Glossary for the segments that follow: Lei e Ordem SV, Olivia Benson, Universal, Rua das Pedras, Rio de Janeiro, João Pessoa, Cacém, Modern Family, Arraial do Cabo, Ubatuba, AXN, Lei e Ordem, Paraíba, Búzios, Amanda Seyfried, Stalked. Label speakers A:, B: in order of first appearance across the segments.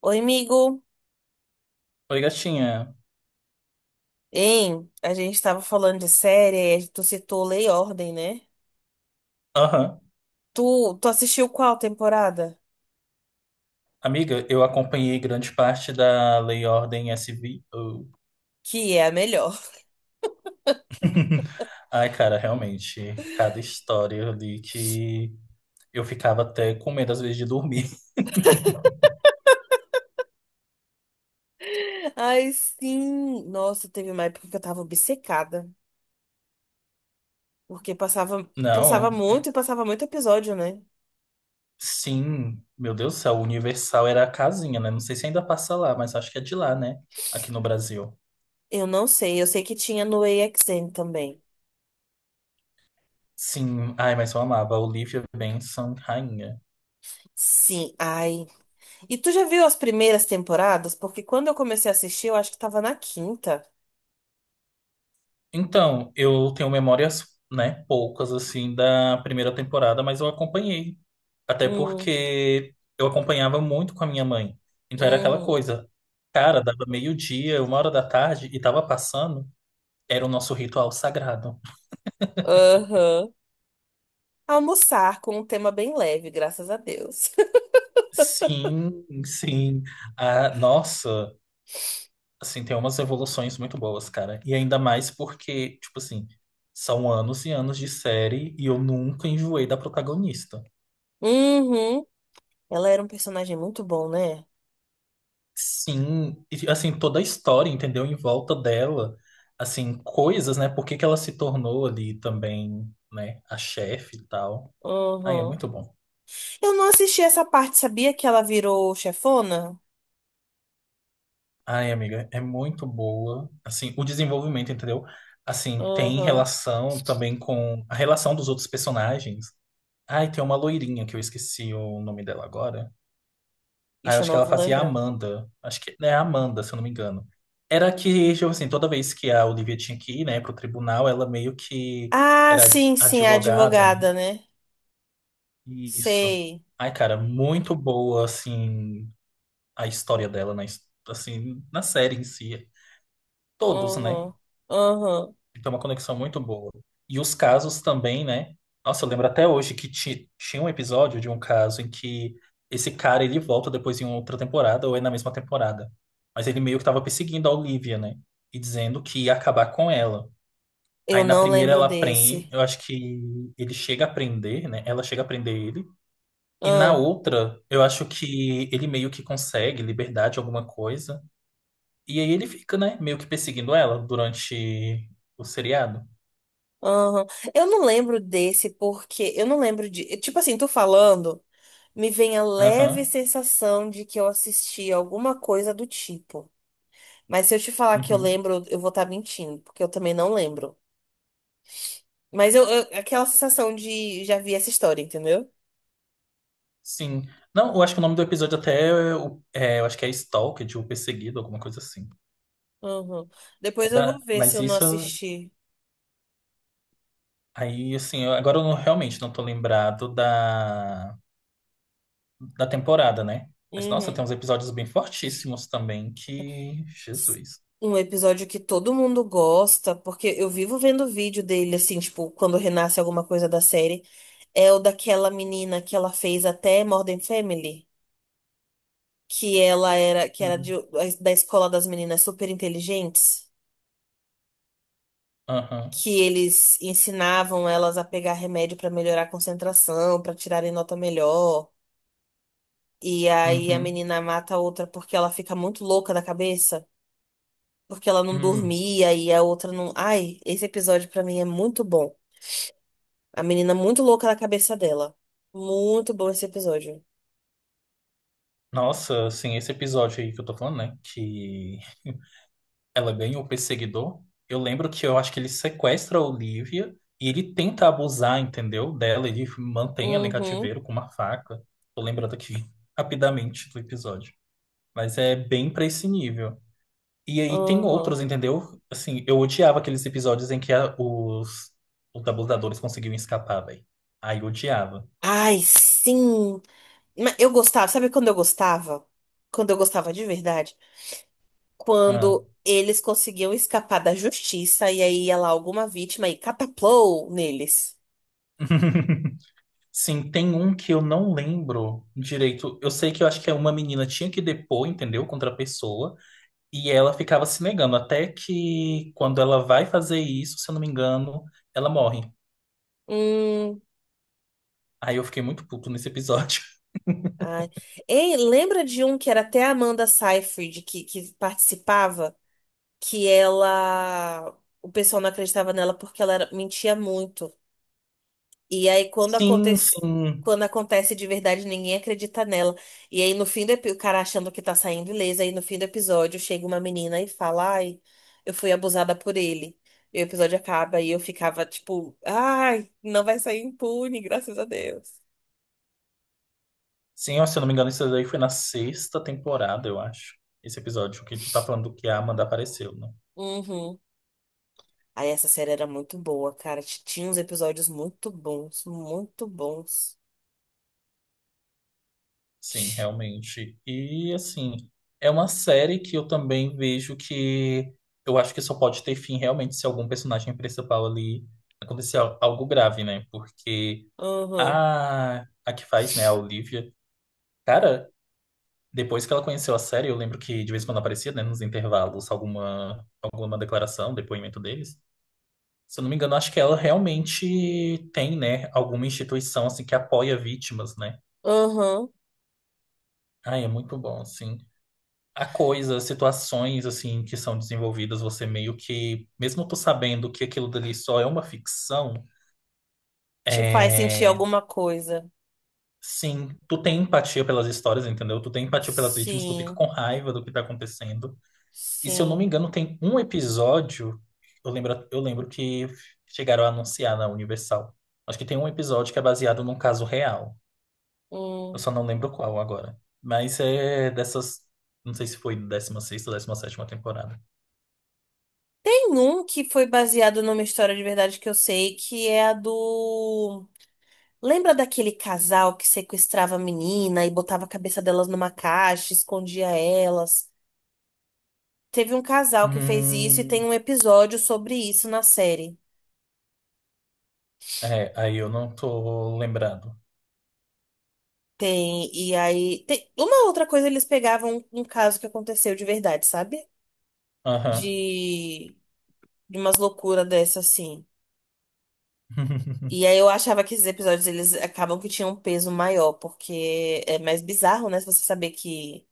A: Oi, amigo.
B: Oi, gatinha.
A: Hein? A gente tava falando de série, aí tu citou Lei e Ordem, né?
B: Aham.
A: Tu assistiu qual temporada?
B: Amiga, eu acompanhei grande parte da Lei e Ordem SV. Oh.
A: Que é a melhor.
B: Ai, cara, realmente, cada história ali que eu ficava até com medo às vezes de dormir.
A: Ai, sim. Nossa, teve uma época que eu tava obcecada, porque passava, passava
B: Não,
A: muito e passava muito episódio, né?
B: sim, meu Deus do céu, o Universal era a casinha, né? Não sei se ainda passa lá, mas acho que é de lá, né? Aqui no Brasil.
A: Eu não sei, eu sei que tinha no A X AXN também.
B: Sim, ai, mas eu amava a Olivia Benson, rainha.
A: Sim, ai. E tu já viu as primeiras temporadas? Porque quando eu comecei a assistir, eu acho que tava na quinta.
B: Então, eu tenho memórias, né, poucas assim da primeira temporada, mas eu acompanhei. Até
A: Hum,
B: porque eu acompanhava muito com a minha mãe. Então era aquela
A: hum,
B: coisa. Cara, dava meio-dia, 1 hora da tarde e tava passando, era o nosso ritual sagrado.
A: aham. Almoçar com um tema bem leve, graças a Deus.
B: Sim, sim. Ah, nossa, assim, tem umas evoluções muito boas, cara. E ainda mais porque, tipo assim, são anos e anos de série e eu nunca enjoei da protagonista.
A: Uhum. Ela era um personagem muito bom, né?
B: Sim, e, assim, toda a história, entendeu? Em volta dela, assim, coisas, né? Por que que ela se tornou ali também, né? A chefe e tal. Ai, é
A: Uhum.
B: muito bom.
A: Eu não assisti essa parte, sabia que ela virou chefona?
B: Ai, amiga, é muito boa. Assim, o desenvolvimento, entendeu? Assim, tem
A: Uhum.
B: relação também com a relação dos outros personagens. Ai, tem uma loirinha que eu esqueci o nome dela agora. Ah, eu
A: Ixi, eu
B: acho que
A: não
B: ela
A: vou
B: fazia a
A: lembrar.
B: Amanda. Acho que é a Amanda, se eu não me engano. Era que, tipo assim, toda vez que a Olivia tinha que ir, né, pro tribunal, ela meio que
A: Ah,
B: era
A: sim, sim, a
B: advogada, né?
A: advogada, né?
B: Isso.
A: Sei.
B: Ai, cara, muito boa, assim, a história dela, na, assim, na série em si. Todos, né?
A: Uhum. Uhum.
B: Então, uma conexão muito boa. E os casos também, né? Nossa, eu lembro até hoje que tinha um episódio de um caso em que esse cara ele volta depois em outra temporada ou é na mesma temporada. Mas ele meio que tava perseguindo a Olivia, né? E dizendo que ia acabar com ela.
A: Eu
B: Aí na
A: não
B: primeira
A: lembro
B: ela prende,
A: desse.
B: eu acho que ele chega a prender, né? Ela chega a prender ele. E na
A: Uhum.
B: outra, eu acho que ele meio que consegue liberdade, alguma coisa. E aí ele fica, né? Meio que perseguindo ela durante o seriado.
A: Uhum. Eu não lembro desse porque eu não lembro de. Tipo assim, tô falando. Me vem a leve
B: Aham.
A: sensação de que eu assisti alguma coisa do tipo. Mas se eu te falar que eu
B: Uhum.
A: lembro, eu vou estar mentindo, porque eu também não lembro. Mas aquela sensação de já vi essa história, entendeu?
B: Sim. Não, eu acho que o nome do episódio até é, eu acho que é Stalked, o perseguido, alguma coisa assim.
A: Uhum.
B: É
A: Depois eu vou
B: da-
A: ver se
B: mas
A: eu não
B: isso
A: assisti.
B: aí, assim, agora eu não- realmente não tô lembrado da temporada, né? Mas nossa, tem
A: Uhum.
B: uns episódios bem fortíssimos também que. Jesus.
A: Um episódio que todo mundo gosta, porque eu vivo vendo vídeo dele, assim, tipo, quando renasce alguma coisa da série. É o daquela menina que ela fez até Modern Family. Que ela era que era
B: Uhum.
A: de- da escola das meninas super inteligentes,
B: Aham.
A: que eles ensinavam elas a pegar remédio pra melhorar a concentração, pra tirarem nota melhor. E aí a
B: Uhum.
A: menina mata a outra porque ela fica muito louca da cabeça, porque ela não
B: Hum.
A: dormia e a outra não. Ai, esse episódio pra mim é muito bom. A menina muito louca da cabeça dela. Muito bom esse episódio.
B: Nossa, assim, esse episódio aí que eu tô falando, né? Que ela ganha o perseguidor. Eu lembro que eu acho que ele sequestra a Olivia e ele tenta abusar, entendeu? Dela, ele mantém ela em
A: Uhum,
B: cativeiro com uma faca. Tô lembrando aqui rapidamente do episódio. Mas é bem pra esse nível. E aí tem
A: uhum.
B: outros, entendeu? Assim, eu odiava aqueles episódios em que os abusadores conseguiam escapar, velho. Aí eu odiava.
A: Ai, sim. Mas eu gostava, sabe quando eu gostava? Quando eu gostava de verdade?
B: Ah.
A: Quando eles conseguiam escapar da justiça e aí ia lá alguma vítima e cataplou neles.
B: Sim, tem um que eu não lembro direito. Eu sei que eu acho que é uma menina tinha que depor, entendeu? Contra a pessoa. E ela ficava se negando, até que quando ela vai fazer isso, se eu não me engano, ela morre.
A: Hum,
B: Aí eu fiquei muito puto nesse episódio.
A: ai. Ei, lembra de um que era até a Amanda Seyfried que participava? Que ela. O pessoal não acreditava nela porque ela era- mentia muito. E aí,
B: Sim, sim.
A: quando acontece de verdade, ninguém acredita nela. E aí, no fim do episódio, o cara achando que tá saindo ilesa, aí no fim do episódio chega uma menina e fala: Ai, eu fui abusada por ele. E o episódio acaba e eu ficava tipo: Ai, não vai sair impune, graças a Deus.
B: Sim, ó, se eu não me engano, isso daí foi na sexta temporada, eu acho. Esse episódio que tu tá falando que a Amanda apareceu, né?
A: Uhum. Aí essa série era muito boa, cara. Tinha uns episódios muito bons, muito bons.
B: Sim,
A: Ti-
B: realmente. E assim, é uma série que eu também vejo que eu acho que só pode ter fim realmente se algum personagem principal ali acontecer algo grave, né? Porque
A: Uhum.
B: a que faz, né, a Olivia. Cara, depois que ela conheceu a série, eu lembro que de vez em quando aparecia, né, nos intervalos, alguma declaração, depoimento deles. Se eu não me engano, acho que ela realmente tem, né, alguma instituição, assim, que apoia vítimas, né?
A: Uhum.
B: Ai, é muito bom, assim. Há coisas, situações, assim, que são desenvolvidas, você meio que, mesmo tu sabendo que aquilo dali só é uma ficção,
A: Te faz sentir
B: é.
A: alguma coisa.
B: Sim, tu tem empatia pelas histórias, entendeu? Tu tem empatia pelas vítimas, tu fica
A: Sim,
B: com raiva do que tá acontecendo. E se eu não me
A: sim.
B: engano, tem um episódio. Eu lembro que chegaram a anunciar na Universal. Acho que tem um episódio que é baseado num caso real. Eu
A: Hum.
B: só não lembro qual agora. Mas é dessas. Não sei se foi 16ª ou 17ª temporada.
A: Tem um que foi baseado numa história de verdade que eu sei, que é a do. Lembra daquele casal que sequestrava a menina e botava a cabeça delas numa caixa, escondia elas? Teve um casal que fez isso e tem
B: Hum,
A: um episódio sobre isso na série.
B: é, aí eu não tô lembrado.
A: Tem, e aí. Uma outra coisa, eles pegavam um caso que aconteceu de verdade, sabe?
B: Aham.
A: De, de umas loucuras dessas assim. E aí eu achava que esses episódios eles acabam que tinham um peso maior, porque é mais bizarro, né? Se você saber que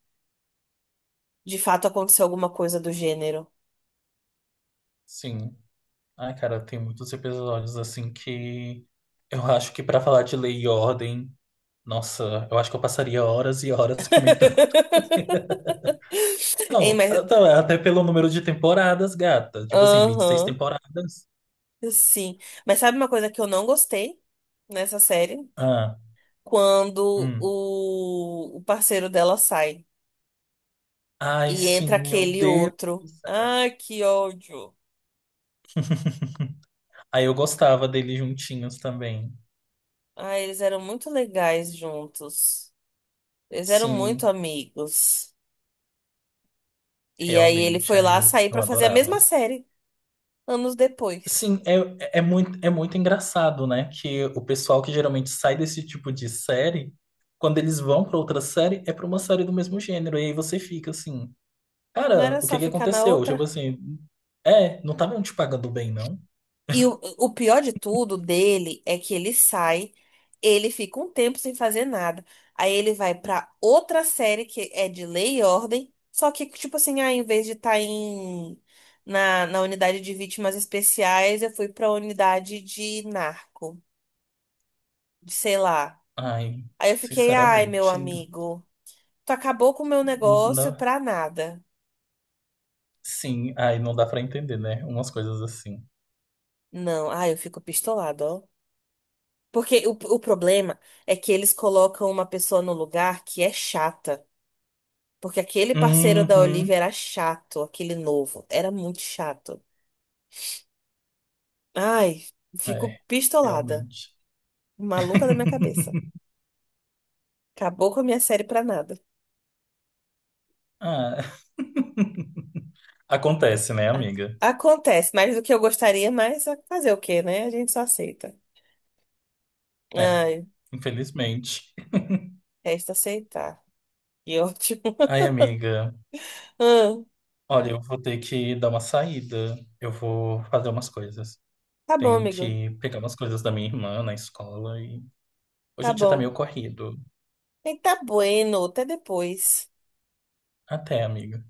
A: de fato aconteceu alguma coisa do gênero.
B: Sim. Ai, cara, tem muitos episódios assim que eu acho que pra falar de lei e ordem, nossa, eu acho que eu passaria horas e horas comentando.
A: Hein,
B: Não,
A: mas.
B: então, é até pelo número de temporadas, gata. Tipo assim, 26
A: Aham,
B: temporadas.
A: sim. Mas sabe uma coisa que eu não gostei nessa série?
B: Ah,
A: Quando
B: hum.
A: o parceiro dela sai
B: Ai,
A: e
B: sim,
A: entra
B: meu
A: aquele
B: Deus
A: outro.
B: do céu.
A: Ai, que ódio.
B: Aí eu gostava deles juntinhos também.
A: Ai, eles eram muito legais juntos. Eles eram muito
B: Sim,
A: amigos. E aí ele
B: realmente.
A: foi
B: Aí
A: lá
B: eu,
A: sair
B: eu
A: pra fazer a
B: adorava.
A: mesma série anos depois.
B: Sim, é muito engraçado, né? Que o pessoal que geralmente sai desse tipo de série, quando eles vão pra outra série, é pra uma série do mesmo gênero. E aí você fica assim,
A: Não
B: cara,
A: era
B: o
A: só
B: que que
A: ficar na
B: aconteceu? Tipo
A: outra?
B: assim, é, não estavam te pagando bem, não?
A: E o pior de tudo dele é que ele sai, ele fica um tempo sem fazer nada. Aí ele vai pra outra série que é de Lei e Ordem, só que tipo assim, ah, em vez de estar na unidade de vítimas especiais, eu fui pra unidade de narco, de sei lá.
B: Ai,
A: Aí eu fiquei, ai, meu
B: sinceramente,
A: amigo, tu acabou com o meu
B: não
A: negócio
B: dá.
A: pra nada.
B: Sim, ai, não dá pra entender, né? Umas coisas assim.
A: Não, ah, eu fico pistolado, ó. Porque o problema é que eles colocam uma pessoa no lugar que é chata. Porque aquele parceiro da
B: Uhum.
A: Olivia era chato, aquele novo. Era muito chato. Ai, fico
B: É,
A: pistolada.
B: realmente.
A: Maluca da minha cabeça. Acabou com a minha série pra nada.
B: Ah, acontece, né,
A: A-
B: amiga?
A: Acontece, mais do que eu gostaria, mas fazer o quê, né? A gente só aceita.
B: É,
A: Ai,
B: infelizmente.
A: resta aceitar. Que ótimo.
B: Ai, amiga,
A: Ah,
B: olha, eu vou ter que dar uma saída. Eu vou fazer umas coisas.
A: tá bom,
B: Tenho
A: amigo.
B: que pegar umas coisas da minha irmã na escola e hoje
A: Tá
B: o dia tá
A: bom.
B: meio corrido.
A: Eita, bueno. Até depois.
B: Até, amiga.